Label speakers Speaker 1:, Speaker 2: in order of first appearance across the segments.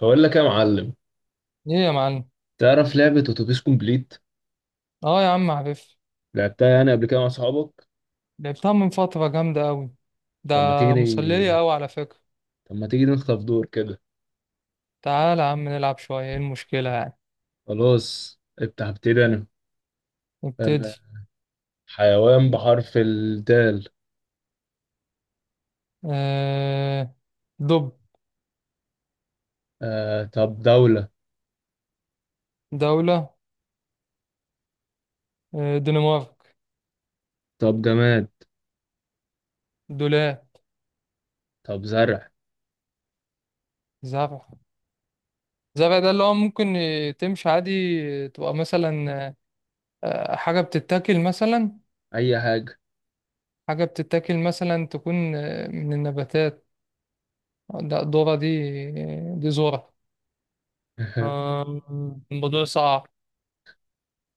Speaker 1: بقول لك يا معلم.
Speaker 2: ايه يا معلم.
Speaker 1: تعرف لعبة اتوبيس كومبليت؟
Speaker 2: اه يا عم عارف.
Speaker 1: لعبتها يعني قبل كده مع صحابك؟
Speaker 2: لعبتها من فترة جامدة أوي. ده
Speaker 1: طب ما
Speaker 2: مسلية
Speaker 1: تيجي.
Speaker 2: أوي على فكرة.
Speaker 1: طب ما تيجي نخطف دور كده.
Speaker 2: تعال يا عم نلعب شوية، ايه المشكلة يعني؟
Speaker 1: خلاص افتح ابتدي انا. آه،
Speaker 2: نبتدي.
Speaker 1: حيوان بحرف الدال.
Speaker 2: آه... دب.
Speaker 1: طب دولة.
Speaker 2: دولة. دنمارك.
Speaker 1: طب جماد.
Speaker 2: دولاب.
Speaker 1: طب زرع.
Speaker 2: زرع. زرع ده اللي هو ممكن تمشي عادي. تبقى مثلا، حاجة بتتاكل مثلا.
Speaker 1: اي حاجة.
Speaker 2: حاجة بتتاكل مثلا تكون من النباتات. ده ذرة دي، دي ذرة. آه، الموضوع صعب.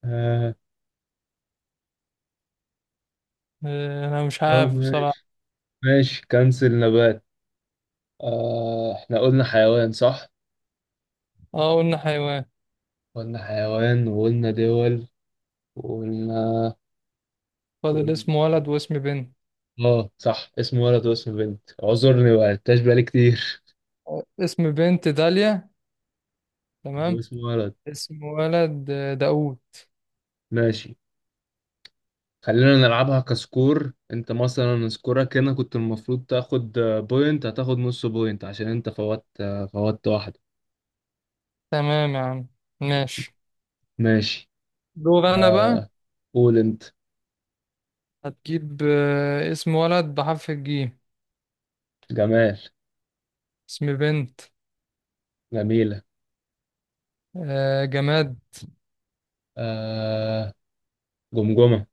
Speaker 1: آه،
Speaker 2: انا مش
Speaker 1: طب
Speaker 2: عارف بصراحة.
Speaker 1: ماشي. ماشي كنسل نبات. احنا قلنا حيوان صح؟
Speaker 2: اه قلنا حيوان.
Speaker 1: قلنا حيوان وقلنا دول وقلنا.
Speaker 2: فاضل اسم ولد واسم بنت.
Speaker 1: اه صح، اسم ولد واسم بنت، اعذرني ما لعبتهاش بقالي كتير.
Speaker 2: اسم بنت داليا.
Speaker 1: طب
Speaker 2: تمام.
Speaker 1: واسم ولد.
Speaker 2: اسم ولد داوود.
Speaker 1: ماشي. خلينا نلعبها كسكور، انت مثلا سكورك هنا كنت المفروض تاخد بوينت، هتاخد نص بوينت عشان انت فوت فوت واحدة.
Speaker 2: تمام يا عم. ماشي.
Speaker 1: ماشي.
Speaker 2: دور انا بقى.
Speaker 1: آه، قول انت.
Speaker 2: هتجيب اسم ولد بحرف الجيم.
Speaker 1: جمال.
Speaker 2: اسم بنت.
Speaker 1: جميلة.
Speaker 2: جماد.
Speaker 1: آه. جمجمة.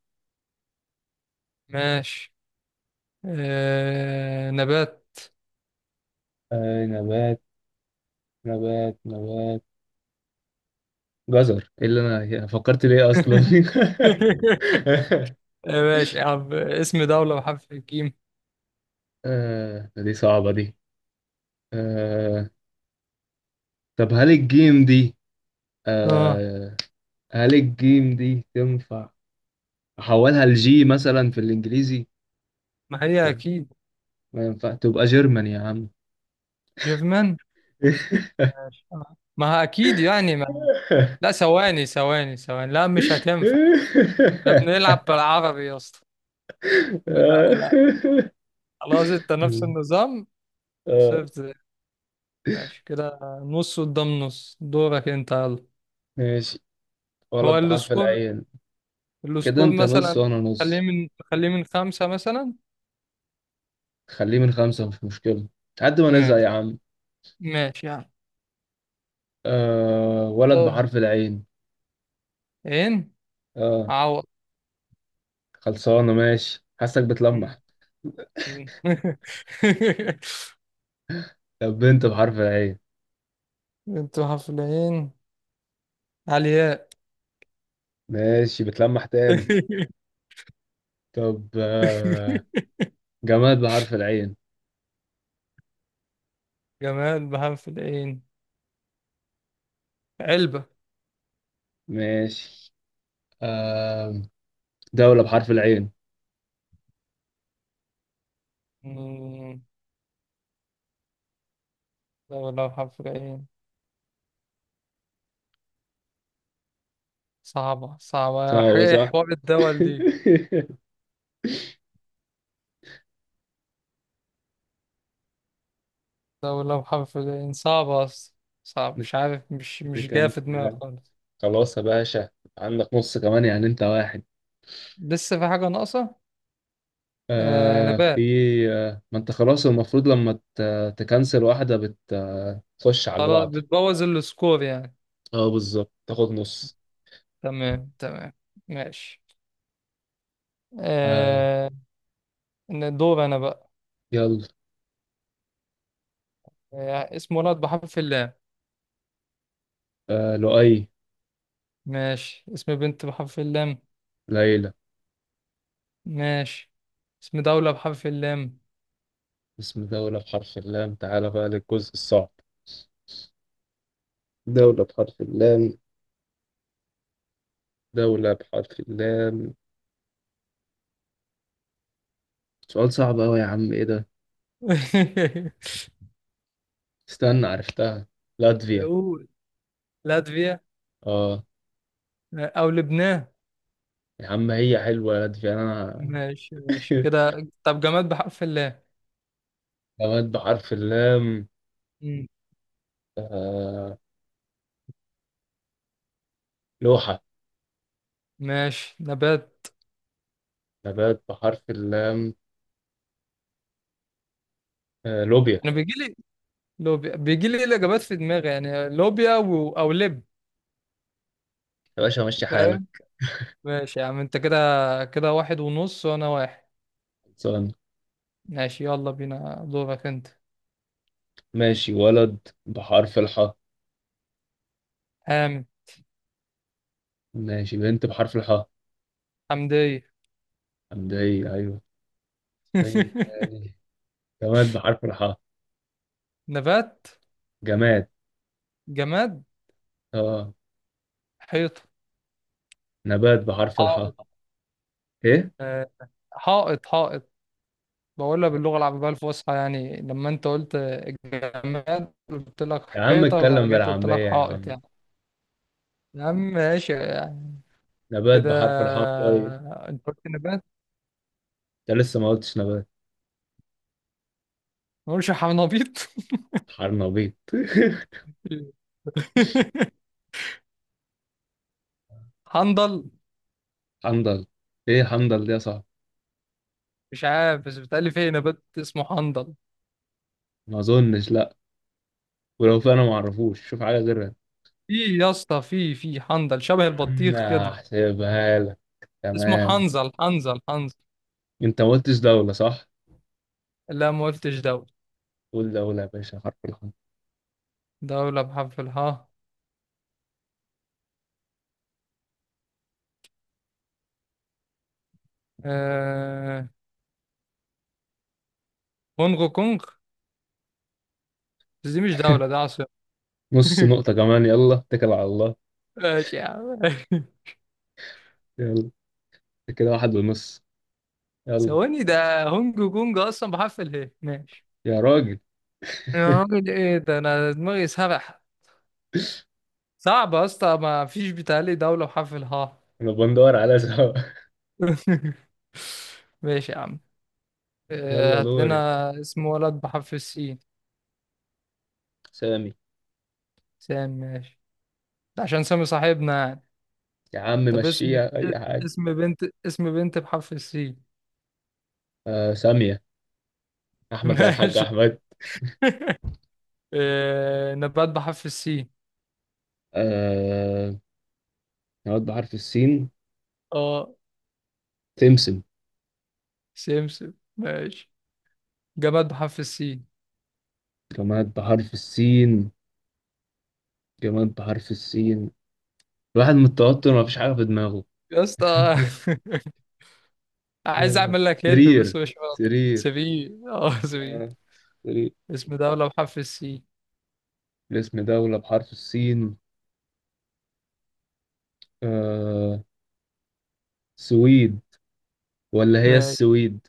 Speaker 2: ماشي. نبات.
Speaker 1: آه نبات. نبات. جزر، ايه اللي انا فكرت ليه اصلا؟
Speaker 2: ماشي يا عم. اسم دولة بحرف الجيم.
Speaker 1: آه دي صعبة دي. آه. طب هل الجيم دي؟
Speaker 2: اه،
Speaker 1: آه. هل الجيم دي تنفع؟ احولها لجي مثلا في الانجليزي؟
Speaker 2: ما هي
Speaker 1: ولا
Speaker 2: اكيد
Speaker 1: ما ينفع تبقى جيرمان يا عم؟
Speaker 2: جيرمان. ماشي. ما هي اكيد يعني ما لا، ثواني ثواني ثواني، لا مش هتنفع. احنا بنلعب بالعربي يا اسطى. لا. لا. خلاص، انت نفس النظام.
Speaker 1: آه،
Speaker 2: صفر صفر. ماشي كده، نص قدام نص. دورك انت، يلا.
Speaker 1: ماشي.
Speaker 2: هو
Speaker 1: ولد بحرف
Speaker 2: السكور؟
Speaker 1: العين. كده
Speaker 2: السكور
Speaker 1: انت نص
Speaker 2: مثلا.
Speaker 1: وانا
Speaker 2: خليه
Speaker 1: نص.
Speaker 2: من خليه من خمسة مثلا.
Speaker 1: خليه من خمسة مش مشكلة. لحد ما نزهق
Speaker 2: ماشي.
Speaker 1: يا عم.
Speaker 2: ماشي يعني.
Speaker 1: آه ولد
Speaker 2: طيب.
Speaker 1: بحرف العين.
Speaker 2: عين.
Speaker 1: اه.
Speaker 2: عوض.
Speaker 1: خلصانة، ماشي، حاسك
Speaker 2: م.
Speaker 1: بتلمح.
Speaker 2: م.
Speaker 1: طب بنت بحرف العين.
Speaker 2: انتوا حفلين. علياء.
Speaker 1: ماشي، بتلمح تاني. طب جماد بحرف العين.
Speaker 2: جمال بحرف العين؟ علبة.
Speaker 1: ماشي. آه، دولة بحرف العين.
Speaker 2: م. دولة بحرف العين. صعبة صعبة،
Speaker 1: آه، هو
Speaker 2: ايه
Speaker 1: صح.
Speaker 2: حوار الدول دي؟ دولة بحرف العين صعبة أصلا. صعب، مش عارف، مش جاية في دماغي
Speaker 1: نكنسل.
Speaker 2: خالص.
Speaker 1: خلاص يا باشا. عندك نص كمان، يعني انت واحد.
Speaker 2: لسه في حاجة ناقصة. آه،
Speaker 1: آه في.
Speaker 2: نبات.
Speaker 1: آه، ما انت خلاص المفروض لما تكنسل واحدة بتخش على اللي
Speaker 2: خلاص،
Speaker 1: بعضها.
Speaker 2: بتبوظ السكور يعني.
Speaker 1: اه بالظبط تاخد نص.
Speaker 2: تمام تمام. ماشي.
Speaker 1: آه.
Speaker 2: آه، دور أنا بقى.
Speaker 1: يلا.
Speaker 2: آه، اسم ولد بحرف اللام.
Speaker 1: آه لؤي.
Speaker 2: ماشي، اسم بنت بحرف اللام.
Speaker 1: ليلى.
Speaker 2: ماشي. اسم دولة بحرف اللام.
Speaker 1: اسم دولة بحرف اللام. تعالى بقى للجزء الصعب. دولة بحرف اللام. دولة بحرف اللام. سؤال صعب أوي يا عم، إيه ده؟ استنى عرفتها. لاتفيا.
Speaker 2: قول. لاتفيا.
Speaker 1: آه.
Speaker 2: أو لبنان.
Speaker 1: يا عم هي حلوة لاتفيا أنا.
Speaker 2: ماشي ماشي كده. طب جماد بحرف اللام.
Speaker 1: نبات بحرف اللام.
Speaker 2: مم.
Speaker 1: آه لوحة.
Speaker 2: ماشي، نبات.
Speaker 1: نبات بحرف اللام. آه لوبيا.
Speaker 2: انا بيجي لي لوبيا، بيجي لي الاجابات في دماغي يعني، لوبيا او لب.
Speaker 1: يا باشا ماشي
Speaker 2: فاهم.
Speaker 1: حالك.
Speaker 2: ماشي يا عم، انت كده. كده واحد ونص وانا واحد.
Speaker 1: خلصان.
Speaker 2: ماشي، يلا بينا، دورك انت.
Speaker 1: ماشي. ولد بحرف الحاء.
Speaker 2: حامد.
Speaker 1: ماشي، بنت بحرف الحاء.
Speaker 2: حمدية.
Speaker 1: حمدية، أيوه. مين تاني؟ جماد بحرف الحاء.
Speaker 2: نبات.
Speaker 1: جماد.
Speaker 2: جماد.
Speaker 1: آه.
Speaker 2: حيطة.
Speaker 1: نبات بحرف
Speaker 2: حائط.
Speaker 1: الحاء. إيه؟
Speaker 2: آه، حائط حائط. بقولها باللغة العربية الفصحى، يعني لما انت قلت جماد قلت
Speaker 1: يا
Speaker 2: لك
Speaker 1: عم
Speaker 2: حيطة، لما
Speaker 1: اتكلم
Speaker 2: جيت قلت
Speaker 1: بالعامية
Speaker 2: لك
Speaker 1: يا
Speaker 2: حائط
Speaker 1: عم.
Speaker 2: يعني. يا عم ماشي يعني.
Speaker 1: نبات
Speaker 2: كده.
Speaker 1: بحرف الحاء طيب.
Speaker 2: انت قلت نبات؟
Speaker 1: ده لسه ما قلتش نبات.
Speaker 2: ما اقولش حنبيط.
Speaker 1: حرنبيط.
Speaker 2: حنظل.
Speaker 1: حنظل. ايه حنظل دي يا صاحبي؟
Speaker 2: مش عارف، بس بتقلي فيه نبات اسمه حنظل.
Speaker 1: ما اظنش، لا. ولو في انا ما اعرفوش، شوف حاجه غيرها.
Speaker 2: في، يا اسطى، في حنظل
Speaker 1: يا
Speaker 2: شبه
Speaker 1: عم
Speaker 2: البطيخ كده.
Speaker 1: هحسبها لك.
Speaker 2: اسمه
Speaker 1: تمام.
Speaker 2: حنظل حنظل حنظل.
Speaker 1: انت ما قلتش دوله، صح؟
Speaker 2: لا، ما قلتش دولة.
Speaker 1: قول دوله يا باشا، حرف الحرف.
Speaker 2: دولة بحرف الهاء. آه... كونغو كونغ، بس دي مش دولة، ده عاصمة.
Speaker 1: نص نقطه كمان، يلا اتكل على الله.
Speaker 2: ماشي يا عم.
Speaker 1: يلا. انت كده واحد ونص. يلا.
Speaker 2: ثواني، ده هونج كونج اصلا بحرف اله، ماشي.
Speaker 1: يا راجل.
Speaker 2: يا راجل، ايه ده، انا دماغي سرح. صعب يا اسطى، ما فيش بيتهيألي دولة وحرف الهاء.
Speaker 1: انا بندور على سوا.
Speaker 2: ماشي يا عم.
Speaker 1: يلا
Speaker 2: هات
Speaker 1: دوري.
Speaker 2: لنا اسم ولد بحرف السين.
Speaker 1: سامي.
Speaker 2: سام، ماشي. ده عشان سامي صاحبنا يعني.
Speaker 1: يا عم
Speaker 2: طب اسم،
Speaker 1: مشيها اي حاجه.
Speaker 2: اسم بنت، اسم بنت بحرف السين.
Speaker 1: آه ساميه. احمد زي الحاج
Speaker 2: ماشي.
Speaker 1: احمد.
Speaker 2: نبات بحرف السين.
Speaker 1: آه. نقعد بحرف السين.
Speaker 2: اه،
Speaker 1: تمسم.
Speaker 2: سمسم، ماشي. جماد بحرف السين.
Speaker 1: جماد بحرف السين. جماد بحرف السين. الواحد من التوتر مفيش حاجة في دماغه.
Speaker 2: يا اسطى، عايز اعمل لك هيلب بس
Speaker 1: سرير.
Speaker 2: مش راضي.
Speaker 1: سرير
Speaker 2: سبي.
Speaker 1: آه، سرير.
Speaker 2: اسم دولة بحرف السين.
Speaker 1: اسم دولة بحرف السين. آه. سويد. ولا هي
Speaker 2: ماشي.
Speaker 1: السويد.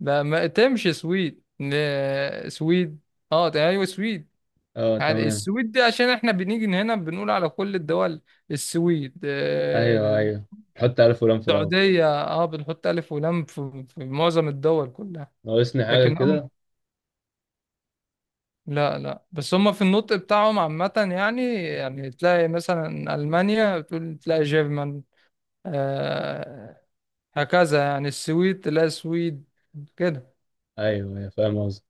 Speaker 2: لا، ما تمشي سويد. سويد. اه ايوه، سويد.
Speaker 1: اه
Speaker 2: يعني
Speaker 1: تمام.
Speaker 2: السويد دي عشان احنا بنيجي هنا بنقول على كل الدول، السويد
Speaker 1: ايوه
Speaker 2: آه،
Speaker 1: ايوه. حط على فلان في الاول.
Speaker 2: السعودية. اه، بنحط ألف ولام في معظم الدول كلها.
Speaker 1: ناقصني حاجة
Speaker 2: لكن هم،
Speaker 1: كده.
Speaker 2: لا لا، بس هم في النطق بتاعهم عامة يعني تلاقي مثلا ألمانيا تقول تلاقي جيرمان. آه، هكذا يعني، السويد تلاقي سويد كده.
Speaker 1: ايوه ايوه، فاهم قصدي.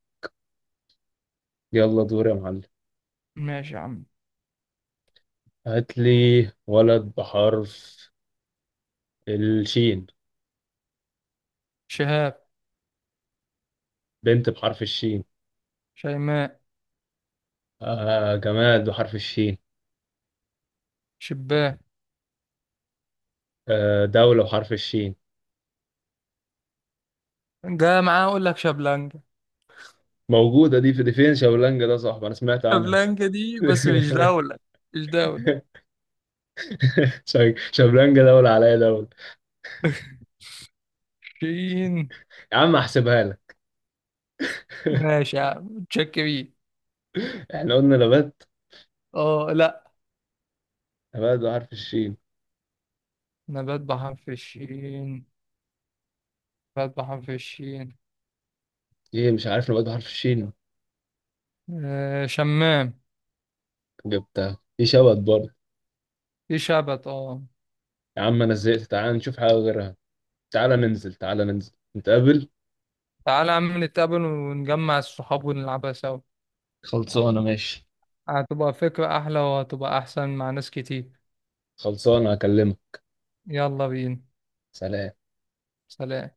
Speaker 1: يلا دور يا معلم.
Speaker 2: ماشي يا عم.
Speaker 1: هات لي. ولد بحرف الشين.
Speaker 2: شهاب.
Speaker 1: بنت بحرف الشين.
Speaker 2: شيماء.
Speaker 1: آه جماد بحرف الشين.
Speaker 2: شباه.
Speaker 1: دولة بحرف الشين.
Speaker 2: ده معاه، اقول لك شابلانكا.
Speaker 1: موجودة دي؟ في دي فين شابلانجا ده؟ صاحبي أنا سمعت عنها.
Speaker 2: شابلانكا دي بس مش دولة. مش دولة.
Speaker 1: شابلانجا دولة، عليا دولة.
Speaker 2: شين.
Speaker 1: يا عم أحسبها لك.
Speaker 2: ماشي يا عم، تشك بيه.
Speaker 1: إحنا قلنا نبات.
Speaker 2: اه لا،
Speaker 1: نبات بحرف الشين.
Speaker 2: نبات بحر في الشين نبات بحر في الشين.
Speaker 1: إيه مش عارف. نبات بحرف الشين.
Speaker 2: آه، شمام.
Speaker 1: جبتها في شبت برضه.
Speaker 2: في شبت، اه.
Speaker 1: يا عم أنا زهقت، تعال نشوف حاجة غيرها. تعال ننزل نتقابل.
Speaker 2: تعالى يا عم نتقابل ونجمع الصحاب ونلعبها سوا.
Speaker 1: خلصانة ماشي.
Speaker 2: هتبقى فكرة أحلى وهتبقى أحسن مع ناس كتير.
Speaker 1: خلصانة هكلمك.
Speaker 2: يلا بينا.
Speaker 1: سلام.
Speaker 2: سلام.